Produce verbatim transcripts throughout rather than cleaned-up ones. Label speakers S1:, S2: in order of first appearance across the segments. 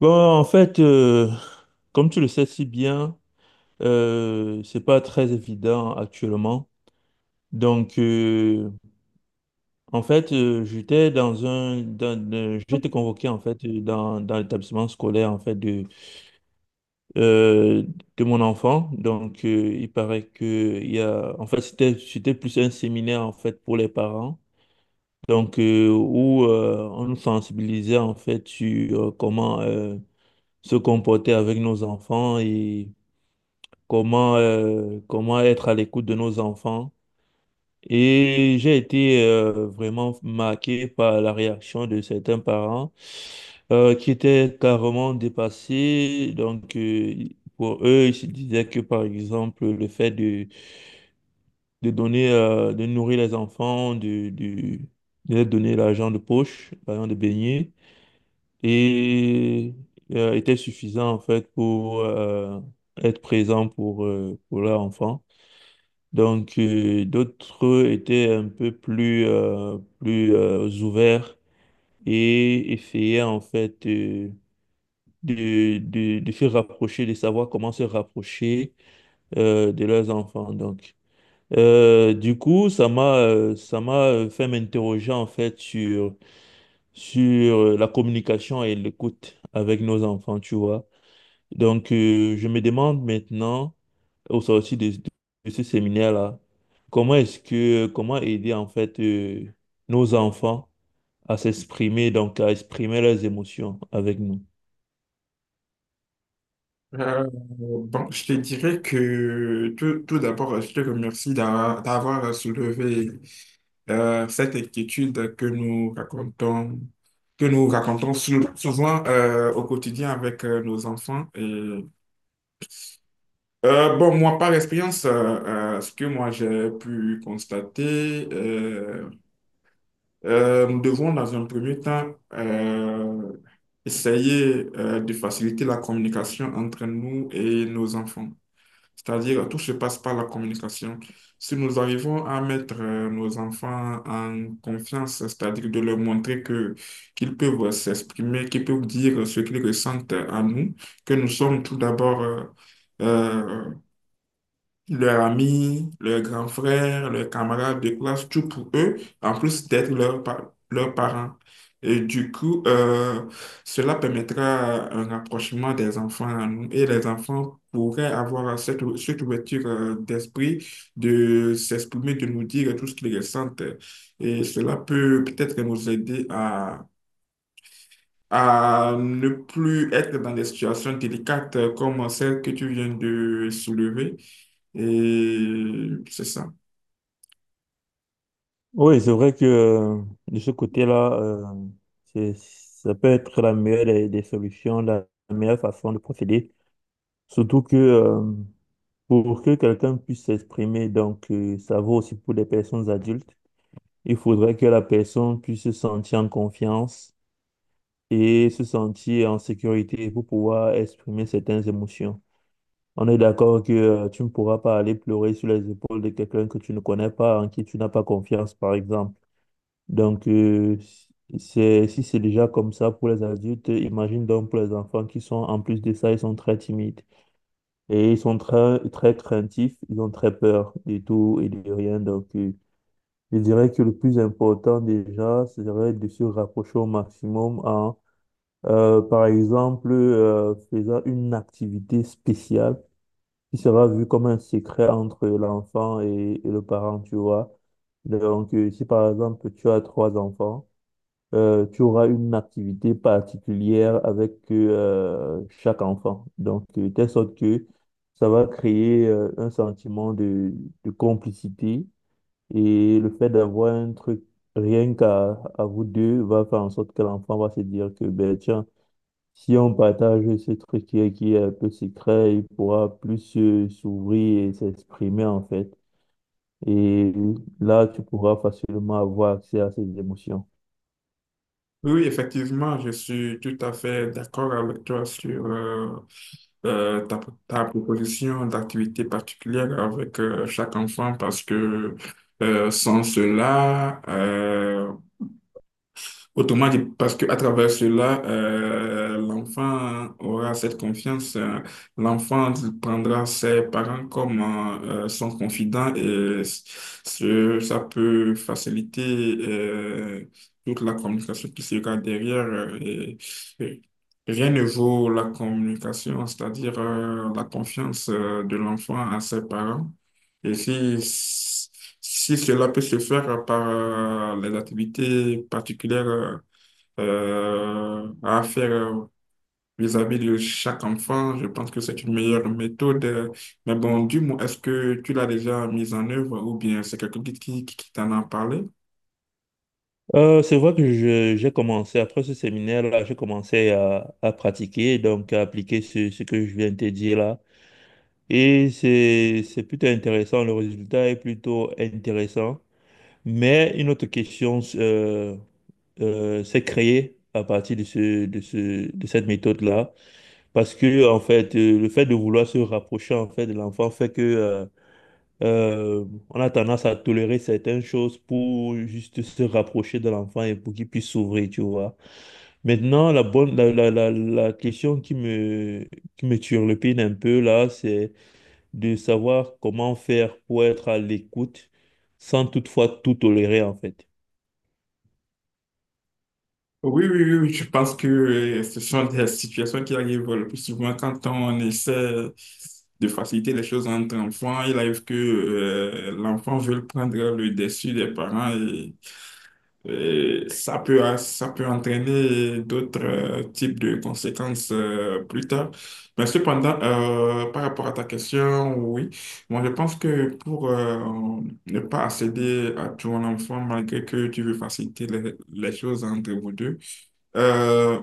S1: Bon, en fait, euh, comme tu le sais si bien, euh, c'est pas très évident actuellement. Donc, euh, en fait, euh, j'étais dans un, dans, euh, j'ai été convoqué en fait euh, dans, dans l'établissement scolaire en fait de euh, de mon enfant. Donc, euh, il paraît que il y a, en fait, c'était c'était plus un séminaire en fait pour les parents. Donc, euh, où euh, on nous sensibilisait en fait sur euh, comment euh, se comporter avec nos enfants et comment, euh, comment être à l'écoute de nos enfants. Et j'ai été euh, vraiment marqué par la réaction de certains parents euh, qui étaient carrément dépassés. Donc, euh, pour eux, ils se disaient que, par exemple, le fait de, de donner, euh, de nourrir les enfants, de, de, de leur donner l'argent de poche, l'argent de beignet, et, euh, était suffisant, en fait, pour euh, être présent pour, euh, pour leur enfant. Donc, euh, d'autres étaient un peu plus, euh, plus euh, ouverts et essayaient en fait euh, de, de, de se rapprocher, de savoir comment se rapprocher euh, de leurs enfants. Donc, Euh, du coup, ça m'a euh, ça m'a euh, fait m'interroger en fait sur, sur euh, la communication et l'écoute avec nos enfants, tu vois. Donc, euh, je me demande maintenant, au sortir de, de ce séminaire-là, comment est-ce que, comment aider en fait euh, nos enfants à s'exprimer, donc à exprimer leurs émotions avec nous?
S2: Euh, bon, je te dirais que tout, tout d'abord, je te remercie d'a- d'avoir soulevé euh, cette inquiétude que nous racontons, que nous racontons sou- souvent euh, au quotidien avec euh, nos enfants. Et, euh, bon, moi, par expérience, euh, euh, ce que moi j'ai pu constater, euh, euh, nous devons dans un premier temps euh, essayer euh, de faciliter la communication entre nous et nos enfants. C'est-à-dire, tout se passe par la communication. Si nous arrivons à mettre euh, nos enfants en confiance, c'est-à-dire de leur montrer que qu'ils peuvent s'exprimer, qu'ils peuvent dire ce qu'ils ressentent à nous, que nous sommes tout d'abord euh, euh, leurs amis, leurs grands frères, leurs camarades de classe, tout pour eux, en plus d'être leurs par- leurs parents. Et du coup, euh, cela permettra un rapprochement des enfants à nous, et les enfants pourraient avoir cette, ou- cette ouverture euh, d'esprit de s'exprimer, de nous dire tout ce qu'ils ressentent. Et cela peut peut-être nous aider à à ne plus être dans des situations délicates comme celle que tu viens de soulever. Et c'est ça.
S1: Oui, c'est vrai que euh, de ce côté-là, euh, c'est- ça peut être la meilleure des, des solutions, la meilleure façon de procéder. Surtout que euh, pour que quelqu'un puisse s'exprimer, donc euh, ça vaut aussi pour les personnes adultes. Il faudrait que la personne puisse se sentir en confiance et se sentir en sécurité pour pouvoir exprimer certaines émotions. On est d'accord que euh, tu ne pourras pas aller pleurer sur les épaules de quelqu'un que tu ne connais pas, en qui tu n'as pas confiance, par exemple. Donc, euh, c'est, si c'est déjà comme ça pour les adultes, imagine donc pour les enfants qui sont, en plus de ça, ils sont très timides et ils sont très, très craintifs, ils ont très peur de tout et de rien. Donc, euh, je dirais que le plus important déjà serait de se rapprocher au maximum en, euh, par exemple, euh, faisant une activité spéciale qui sera vue comme un secret entre l'enfant et, et le parent, tu vois. Donc, euh, si par exemple tu as trois enfants, euh, tu auras une activité particulière avec euh, chaque enfant. Donc, euh, de telle sorte que ça va créer euh, un sentiment de, de complicité et le fait d'avoir un truc rien qu'à à vous deux va faire en sorte que l'enfant va se dire que, ben tiens, si on partage ce truc qui est, qui est un peu secret, il pourra plus euh, s'ouvrir et s'exprimer en fait. Et là, tu pourras facilement avoir accès à ses émotions.
S2: Oui, effectivement, je suis tout à fait d'accord avec toi sur euh, euh, ta, ta proposition d'activité particulière avec euh, chaque enfant, parce que euh, sans cela, euh, autrement dit, parce qu'à travers cela, euh, l'enfant aura cette confiance. Euh, l'enfant prendra ses parents comme euh, euh, son confident, et s- ce- ça peut faciliter euh, toute la communication qui sera derrière. Euh, et- et rien ne vaut la communication, c'est-à-dire euh, la confiance euh, de l'enfant à ses parents. Et si, si cela peut se faire par euh, les activités particulières, euh, euh, à faire euh, vis-à-vis de chaque enfant, je pense que c'est une meilleure méthode. euh. Mais bon, du moins, est-ce que tu l'as déjà mise en œuvre, ou bien c'est quelqu'un qui, qui, qui t'en a parlé?
S1: Euh, c'est vrai que je- j'ai commencé, après ce séminaire-là, j'ai commencé à, à pratiquer, donc à appliquer ce, ce que je viens de te dire là. Et c'est, c'est plutôt intéressant, le résultat est plutôt intéressant. Mais une autre question euh, euh, s'est créée à partir de ce, de ce, de cette méthode-là, parce que en fait, euh, le fait de vouloir se rapprocher en fait de l'enfant fait que euh, euh, on a tendance à tolérer certaines choses pour juste se rapprocher de l'enfant et pour qu'il puisse s'ouvrir, tu vois. Maintenant, la bonne, la, la, la, la question qui me, qui me turlupine un peu là, c'est de savoir comment faire pour être à l'écoute sans toutefois tout tolérer en fait.
S2: Oui, oui, oui, oui, je pense que euh, ce sont des situations qui arrivent le plus souvent quand on essaie de faciliter les choses entre enfants. Il arrive que euh, l'enfant veut prendre le dessus des parents. et Et ça peut, hein, ça peut entraîner d'autres euh, types de conséquences euh, plus tard. Mais cependant, euh, par rapport à ta question, oui, moi je pense que pour euh, ne pas accéder à ton enfant, malgré que tu veux faciliter les, les choses entre vous deux, euh,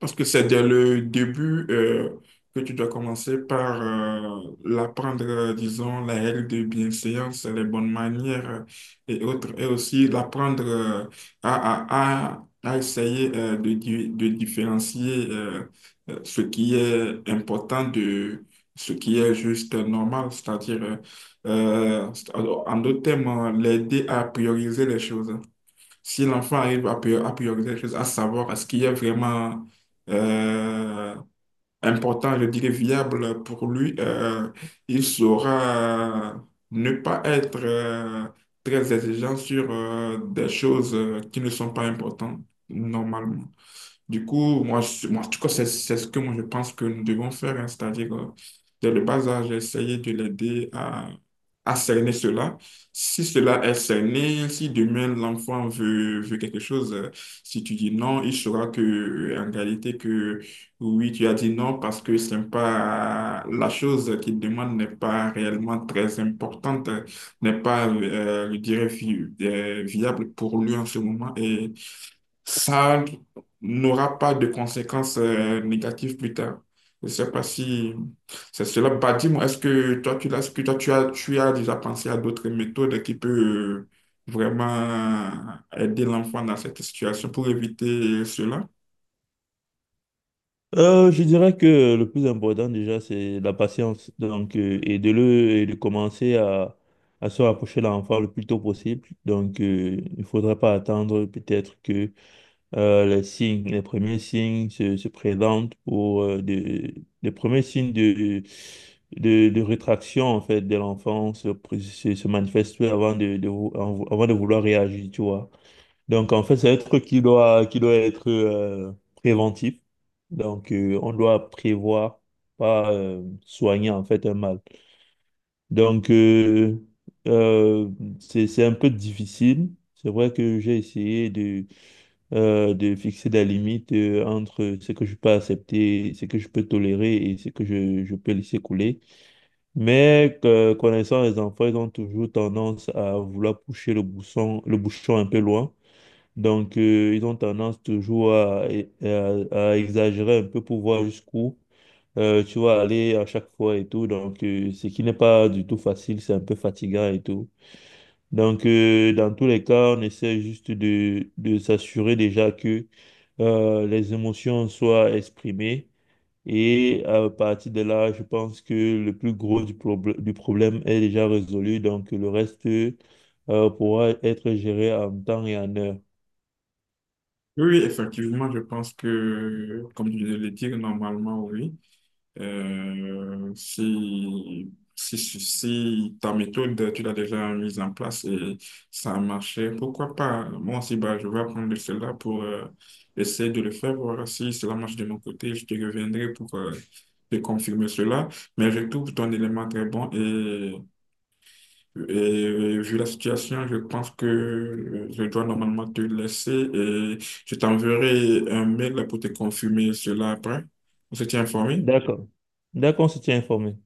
S2: parce que c'est dès le début euh, que tu dois commencer par euh, l'apprendre, euh, disons, les règles de bienséance, les bonnes manières euh, et autres, et aussi l'apprendre euh, à, à, à, à essayer euh, de, di- de différencier euh, euh, ce qui est important de ce qui est juste euh, normal, c'est-à-dire, euh, euh, en d'autres termes, euh, l'aider à prioriser les choses. Si l'enfant arrive à, prior- à prioriser les choses, à savoir ce qui est vraiment euh, important, je dirais viable pour lui, euh, il saura ne pas être euh, très exigeant sur euh, des choses euh, qui ne sont pas importantes normalement. Du coup, moi, je- moi en tout cas, c'est c'est ce que moi, je pense que nous devons faire, hein. C'est-à-dire, euh, dès le bas âge, essayer de l'aider à, à cerner cela. Si cela est cerné, si demain l'enfant veut, veut quelque chose, euh, si tu dis non, il saura que, euh, en réalité, que oui, tu as dit non parce que c'est pas la chose qu'il demande n'est pas réellement très importante, n'est pas, euh, je dirais, vi- euh, viable pour lui en ce moment. Et ça n'aura pas de conséquences euh, négatives plus tard. Je ne sais pas si c'est cela. Bah, dis-moi, est-ce que toi, tu, l'as- est-ce que toi, tu as, tu as déjà pensé à d'autres méthodes qui peuvent euh, vraiment aider l'enfant dans cette situation pour éviter cela?
S1: Euh, je dirais que le plus important déjà, c'est la patience. Donc, euh, et de le et de commencer à, à se rapprocher de l'enfant le plus tôt possible. Donc, euh, il ne faudrait pas attendre peut-être que euh, les signes, les premiers signes se, se présentent pour euh, de- les premiers signes de, de, de rétraction en fait de l'enfant se, pré- se, se manifestent avant de, de vou- avant de vouloir réagir, tu vois. Donc, en fait, c'est un truc qui doit, qui doit être euh, préventif. Donc, euh, on doit prévoir, pas euh, soigner en fait un mal. Donc, euh, euh, c'est, c'est un peu difficile. C'est vrai que j'ai essayé de, euh, de fixer des limites euh, entre ce que je peux accepter, ce que je peux tolérer et ce que je, je peux laisser couler. Mais euh, connaissant les enfants, ils ont toujours tendance à vouloir pousser le bouchon, le bouchon un peu loin. Donc, euh, ils ont tendance toujours à, à- à exagérer un peu pour voir jusqu'où euh, tu vas aller à chaque fois et tout. Donc, euh, ce qui n'est pas du tout facile, c'est un peu fatigant et tout. Donc, euh, dans tous les cas, on essaie juste de, de s'assurer déjà que euh, les émotions soient exprimées. Et à partir de là, je pense que le plus gros du, probl- du problème est déjà résolu. Donc, le reste euh, pourra être géré en temps et en heure.
S2: Oui, effectivement, je pense que, comme je viens de le dire, normalement, oui. Euh, si, si, si si ta méthode, tu l'as déjà mise en place et ça a marché, pourquoi pas? Moi aussi, bah, je vais apprendre cela pour euh, essayer de le faire, voir si cela marche de mon côté. Je te reviendrai pour euh, te confirmer cela. Mais je trouve ton élément très bon, et, et vu la situation, je pense que euh, je dois normalement te laisser, et je t'enverrai un mail pour te confirmer cela après. On se tient informé.
S1: D'accord. D'accord, on se tient informé.